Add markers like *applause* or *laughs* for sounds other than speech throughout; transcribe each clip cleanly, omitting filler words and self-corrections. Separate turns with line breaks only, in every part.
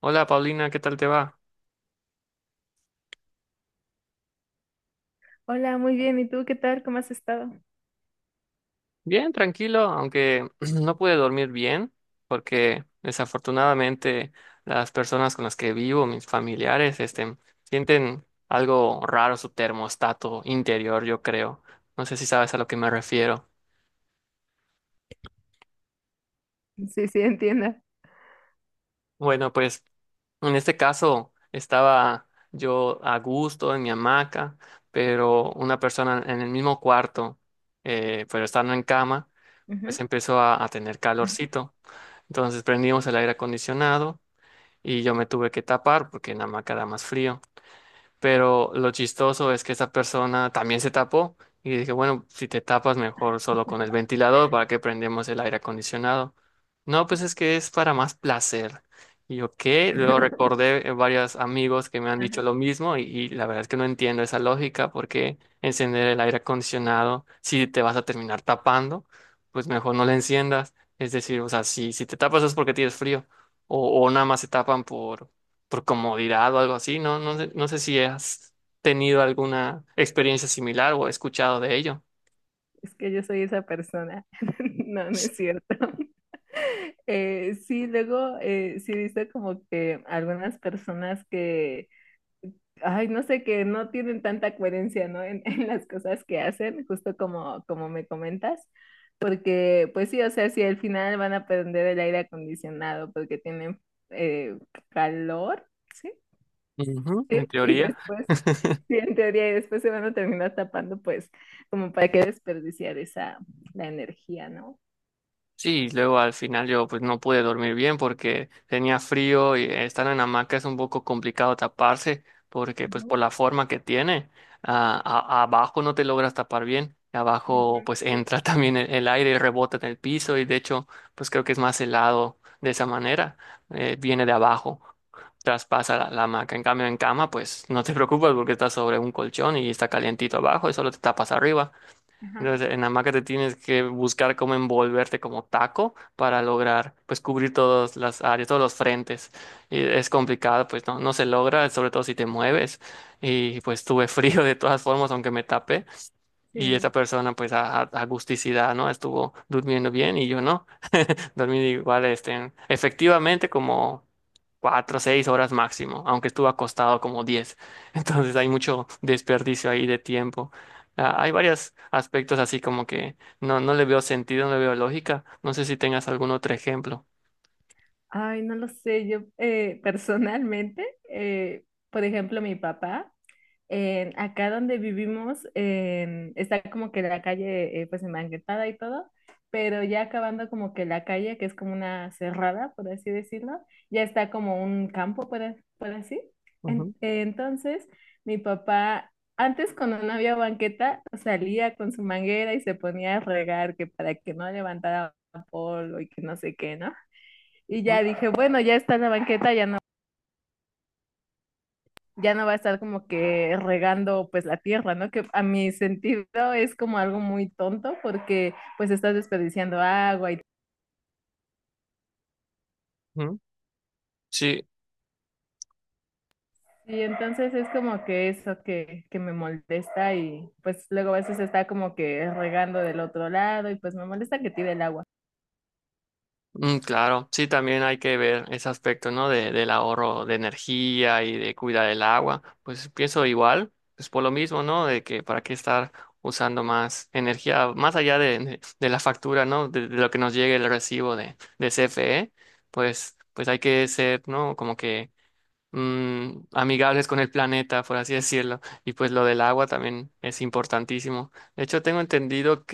Hola, Paulina, ¿qué tal te va?
Hola, muy bien. ¿Y tú qué tal? ¿Cómo has estado?
Bien, tranquilo, aunque *clears throat* no pude dormir bien porque desafortunadamente las personas con las que vivo, mis familiares, sienten algo raro su termostato interior, yo creo. No sé si sabes a lo que me refiero.
Sí, sí, entiendo.
Bueno, pues en este caso estaba yo a gusto en mi hamaca, pero una persona en el mismo cuarto, pero estando en cama,
Ujú.
pues empezó a tener calorcito. Entonces prendimos el aire acondicionado y yo me tuve que tapar porque en la hamaca da más frío. Pero lo chistoso es que esa persona también se tapó y dije, bueno, si te tapas mejor solo con el ventilador, ¿para que prendemos el aire acondicionado? No, pues es que es para más placer. Y yo, ¿qué? Luego
*laughs*
recordé varios amigos que me han dicho
Ajá.
lo mismo y, la verdad es que no entiendo esa lógica, porque encender el aire acondicionado si te vas a terminar tapando. Pues mejor no lo enciendas. Es decir, o sea, si te tapas es porque tienes frío o nada más se tapan por comodidad o algo así, ¿no? No sé, no sé si has tenido alguna experiencia similar o escuchado de ello.
Es que yo soy esa persona. *laughs* No, no es cierto. *laughs* Sí, luego sí he como que algunas personas que, ay, no sé, que no tienen tanta coherencia, ¿no? En, *laughs* en las cosas que hacen, justo como me comentas. Porque, pues sí, o sea, si al final van a prender el aire acondicionado porque tienen eh, calor, ¿sí?
Ujú, en
Sí. Y
teoría.
después Sí, en teoría, y después se van a terminar tapando, pues, como para qué desperdiciar esa, la energía, ¿no?
Sí, luego al final yo pues no pude dormir bien porque tenía frío y estar en hamaca es un poco complicado taparse porque pues
Ujú,
por la forma que tiene, ah, abajo no te logras tapar bien. Y abajo
ujú,
pues
sí,
entra *laughs* también el aire y rebota en el piso y de hecho pues creo que es más helado de esa manera, viene de abajo. Traspasa la hamaca. En cambio, en cama, pues no te preocupas porque estás sobre un colchón y está calientito abajo y solo te tapas arriba.
ajá.
Entonces, en hamaca te tienes que buscar cómo envolverte como taco para lograr, pues, cubrir todas las áreas, todos los frentes. Y es complicado, pues, no, no se logra, sobre todo si te mueves. Y pues tuve *laughs* frío de todas formas, aunque me tapé. Y
Sí.
esa persona, pues, a, a gusticidad, ¿no? Estuvo durmiendo bien y yo no. Dormí igual, efectivamente como cuatro o seis horas máximo, aunque estuve acostado como diez. *laughs* Entonces hay mucho desperdicio ahí de tiempo. Ah, hay varios aspectos así como que no, no le veo sentido, no le veo lógica. No sé si tengas algún otro ejemplo.
Ay, no lo sé, yo personalmente, eh, por ejemplo, mi papá. Acá donde vivimos está como que la calle pues enmanguetada y todo, pero ya acabando como que la calle, que es como una cerrada, por así decirlo, ya está como un campo, por, por así.
Ujú,
Entonces, mi papá, antes cuando no había banqueta, salía con su manguera y se ponía a regar que para que no levantara polvo y que no sé qué, ¿no? Y
ujú,
ya dije, bueno, ya está la banqueta, ya no va a estar como que regando pues la tierra, ¿no? Que a mi sentido es como algo muy tonto porque pues estás desperdiciando agua y,
ujú. Sí.
y entonces es como que eso que me molesta y pues luego a veces está como que regando del otro lado y pues me molesta que tire el agua.
Mm, claro, sí, también hay que ver ese aspecto, ¿no? De, del ahorro de energía y de cuidar el agua. Pues pienso igual, pues por lo mismo, ¿no? De que para qué estar usando más energía, más allá de, de la factura, ¿no? De lo que nos llegue el recibo de CFE, pues, pues hay que ser, ¿no? Como que amigables con el planeta, por así decirlo. Y pues lo del agua también es importantísimo. De hecho, tengo entendido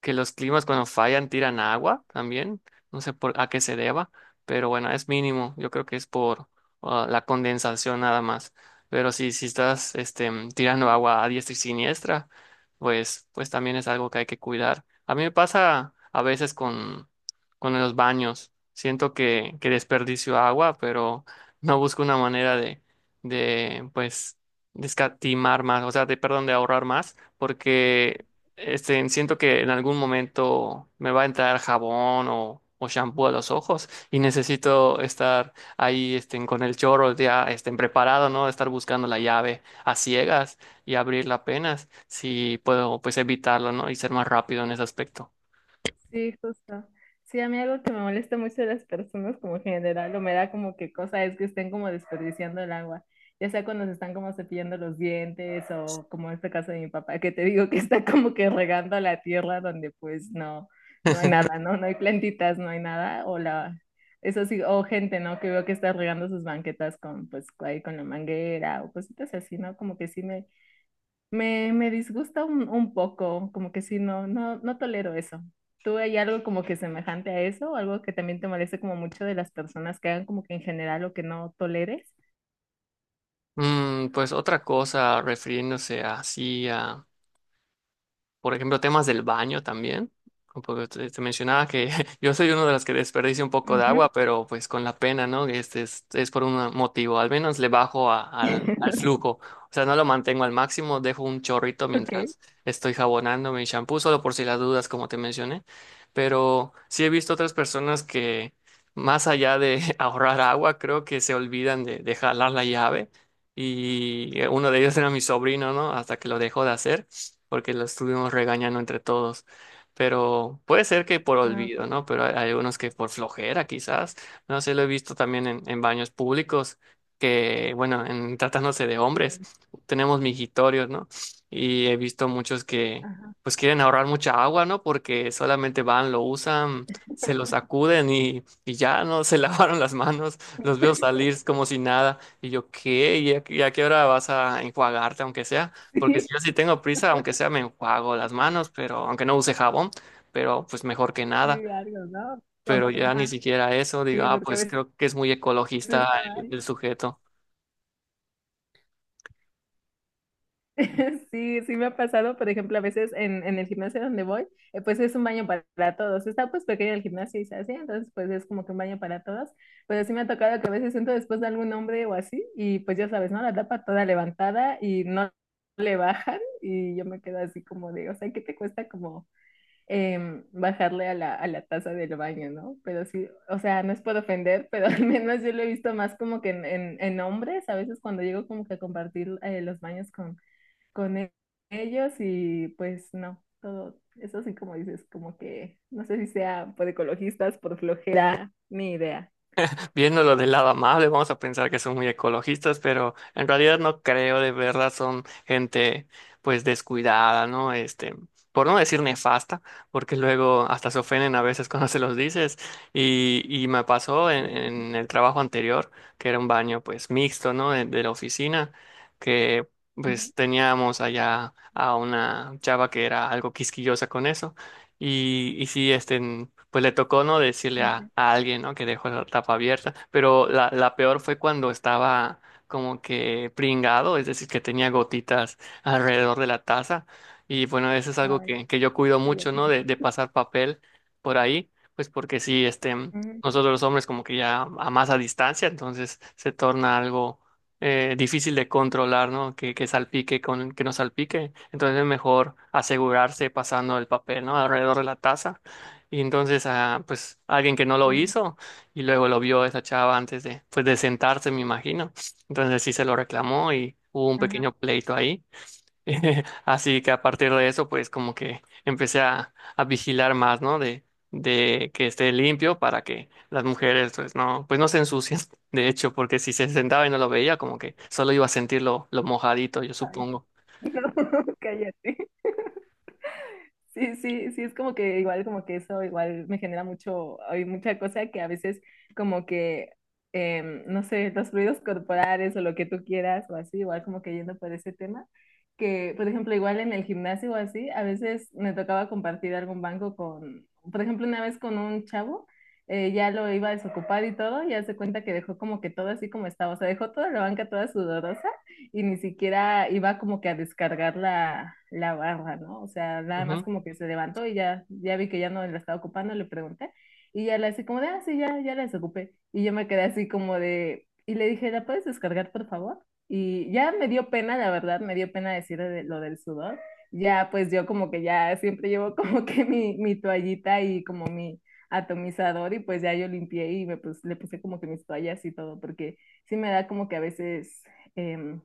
que los climas cuando fallan tiran agua también, no sé por a qué se deba, pero bueno, es mínimo, yo creo que es por ah, la condensación nada más. Pero si estás tirando agua a diestra y siniestra, pues, pues también es algo que hay que cuidar. A mí me pasa a veces con los baños, siento que desperdicio agua, pero no busco una manera de pues, descatimar más, o sea, de, perdón, de ahorrar más, porque siento que en algún momento me va a entrar jabón o shampoo a los ojos y necesito estar ahí con el chorro ya preparado, ¿no? Estar buscando la llave a ciegas y abrirla apenas, si puedo pues evitarlo, ¿no? Y ser más rápido en ese aspecto.
Sí, justo. Sí, a mí algo que me molesta mucho de las personas como en general, o me da como que cosa es que estén como desperdiciando el agua, ya sea cuando se están como cepillando los dientes o como este caso de mi papá, que te digo que está como que regando la tierra donde pues no, no hay
*laughs*
nada, ¿no? No hay plantitas, no hay nada, eso sí, o gente, ¿no? Que veo que está regando sus banquetas con pues ahí con la manguera o cositas así, ¿no? Como que sí me disgusta un poco, como que sí, no, no, no tolero eso. ¿Tú hay algo como que semejante a eso? ¿Algo que también te moleste como mucho de las personas que hagan como que en general lo que no toleres?
Mm, pues otra cosa, refiriéndose así a por ejemplo, temas del baño también. Porque te mencionaba que *laughs* yo soy uno de los que desperdicia un poco de
Ujú.
agua, pero pues con la pena, ¿no? Este es por un motivo. Al menos le bajo al, al
*laughs*
flujo. O sea, no lo mantengo al máximo, dejo un chorrito
Ok.
mientras estoy jabonando mi shampoo, solo por si las dudas, como te mencioné. Pero sí he visto otras personas que, más allá de *laughs* ahorrar agua, creo que se olvidan de jalar la llave. Y uno de ellos era mi sobrino, ¿no? Hasta que lo dejó de hacer porque lo estuvimos regañando entre todos. Pero puede ser que por
Ah, ok.
olvido, ¿no? Pero hay unos que por flojera, quizás. No sé, lo he visto también en baños públicos, que, bueno, en tratándose de hombres,
Sí.
tenemos mijitorios, ¿no? Y he visto muchos que,
Ajá.
pues, quieren ahorrar mucha agua, ¿no? Porque solamente van, lo usan, se lo sacuden y ya, ¿no? Se *laughs* lavaron las manos, los veo salir como si nada. Y yo, ¿qué? Y a qué hora vas a enjuagarte, aunque sea?
*laughs*
Porque
Sí,
si yo sí tengo prisa, aunque sea me enjuago las manos, pero aunque no use jabón, pero pues mejor que nada.
sí, algo, ¿no?
Pero ya ni
Ajá,
siquiera eso, digo,
sí,
ah,
porque a
pues
veces
creo que es muy ecologista
*laughs*
el sujeto.
*laughs* Sí, sí me ha pasado, por ejemplo, a veces en el gimnasio donde voy, pues es un baño para todos. Está pues pequeño el gimnasio y se hace, entonces pues es como que un baño para todos. Pero sí me ha tocado que a veces entro después de algún hombre o así y pues ya sabes, ¿no? La tapa toda levantada y no le bajan y yo me quedo así como de, o sea, ¿qué te cuesta como bajarle a la taza del baño? ¿No? Pero sí, o sea, no es por ofender, pero *laughs* al menos yo lo he visto más como que en hombres, a veces cuando llego como que a compartir los baños con con ellos y pues no, todo eso sí como dices, como que no sé si sea por ecologistas, por flojera, ni idea.
Viéndolo del lado amable, vamos a pensar que son muy ecologistas, pero en realidad no creo, de verdad son gente pues descuidada, ¿no? Por no decir nefasta, porque luego hasta se ofenden a veces *laughs* cuando se los dices. Y, me pasó en el trabajo anterior, que era un baño pues mixto, ¿no? De la oficina, que
Ujú,
pues teníamos allá a una chava que era algo quisquillosa con eso. Y sí, pues le tocó no decirle
ujú.
a alguien, ¿no? Que dejó la tapa abierta. Pero la peor fue cuando estaba como que pringado, es decir, que tenía gotitas alrededor de la taza. Y bueno, eso es algo
Ay,
que yo cuido mucho, ¿no?
cállate.
De pasar papel por ahí, pues porque sí,
Ujú,
nosotros los hombres como que ya a más a distancia, entonces se torna algo difícil de controlar, ¿no? Que salpique con que no salpique. Entonces es mejor asegurarse pasando el papel, ¿no? Alrededor de la taza. Y entonces, ah, pues alguien que no lo
sí,
hizo y luego lo vio esa chava antes de, pues, de sentarse, me imagino. Entonces sí se lo reclamó y hubo un
ajá.
pequeño pleito ahí. *laughs* Así que a partir de eso, pues como que empecé a vigilar más, ¿no? De que esté limpio para que las mujeres, pues no se ensucien, *laughs* de hecho, porque si se sentaba y no lo veía, como que solo iba a sentir lo mojadito, yo
Ay,
supongo.
*laughs* No, cállate. Sí, sí, sí, es como que igual, como que eso igual me genera mucho, hay mucha cosa que a veces como que, no sé, los ruidos corporales o lo que tú quieras o así, igual como que yendo por ese tema, que por ejemplo igual en el gimnasio o así, a veces me tocaba compartir algún banco con, por ejemplo una vez con un chavo, ya lo iba a desocupar y todo, y hace cuenta que dejó como que todo así como estaba, o sea, dejó toda la banca toda sudorosa y ni siquiera iba como que a descargar la barra, ¿no? O sea, nada más como que se levantó y ya, ya vi que ya no la estaba ocupando, le pregunté y ya la así como de, ah, sí, ya, ya la desocupé. Y yo me quedé así como de, y le dije, ¿la puedes descargar, por favor? Y ya me dio pena, la verdad, me dio pena decir lo del sudor. Ya, pues yo como que ya siempre llevo *laughs* como que mi toallita y como mi atomizador y pues ya yo limpié y le puse como que mis toallas y todo, porque sí me da como que a veces em,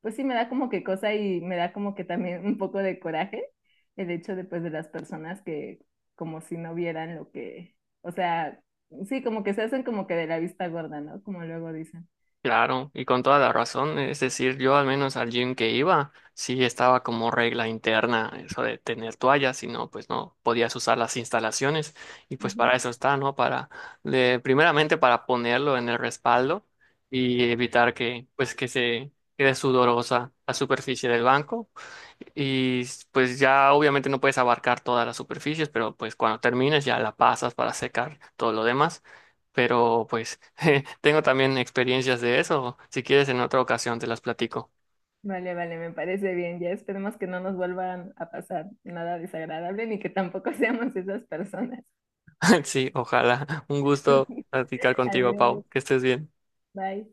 pues sí me da como que cosa y me da como que también un poco de coraje el hecho de, pues, de las personas que como si no vieran lo que, o sea, sí, como que se hacen como que de la vista gorda, ¿no? Como luego dicen.
Claro, y con toda la razón, es decir, yo al menos al gym que iba, sí estaba como regla interna eso de tener toallas, si no, pues no podías usar las instalaciones y pues
Ujú.
para eso está, ¿no? Para, primeramente para ponerlo en el respaldo y evitar que, pues que se quede sudorosa la superficie del banco y pues ya obviamente no puedes abarcar todas las superficies, pero pues cuando termines ya la pasas para secar todo lo demás. Pero pues *laughs* je, tengo también experiencias de eso. Si quieres en otra ocasión te las platico.
Vale, vale, me parece bien. Ya esperemos que no nos vuelvan a pasar nada desagradable ni que tampoco *laughs* seamos esas personas.
*laughs* Sí, ojalá. Un gusto platicar
*laughs*
contigo,
Adiós,
Pau. Que estés bien.
bye.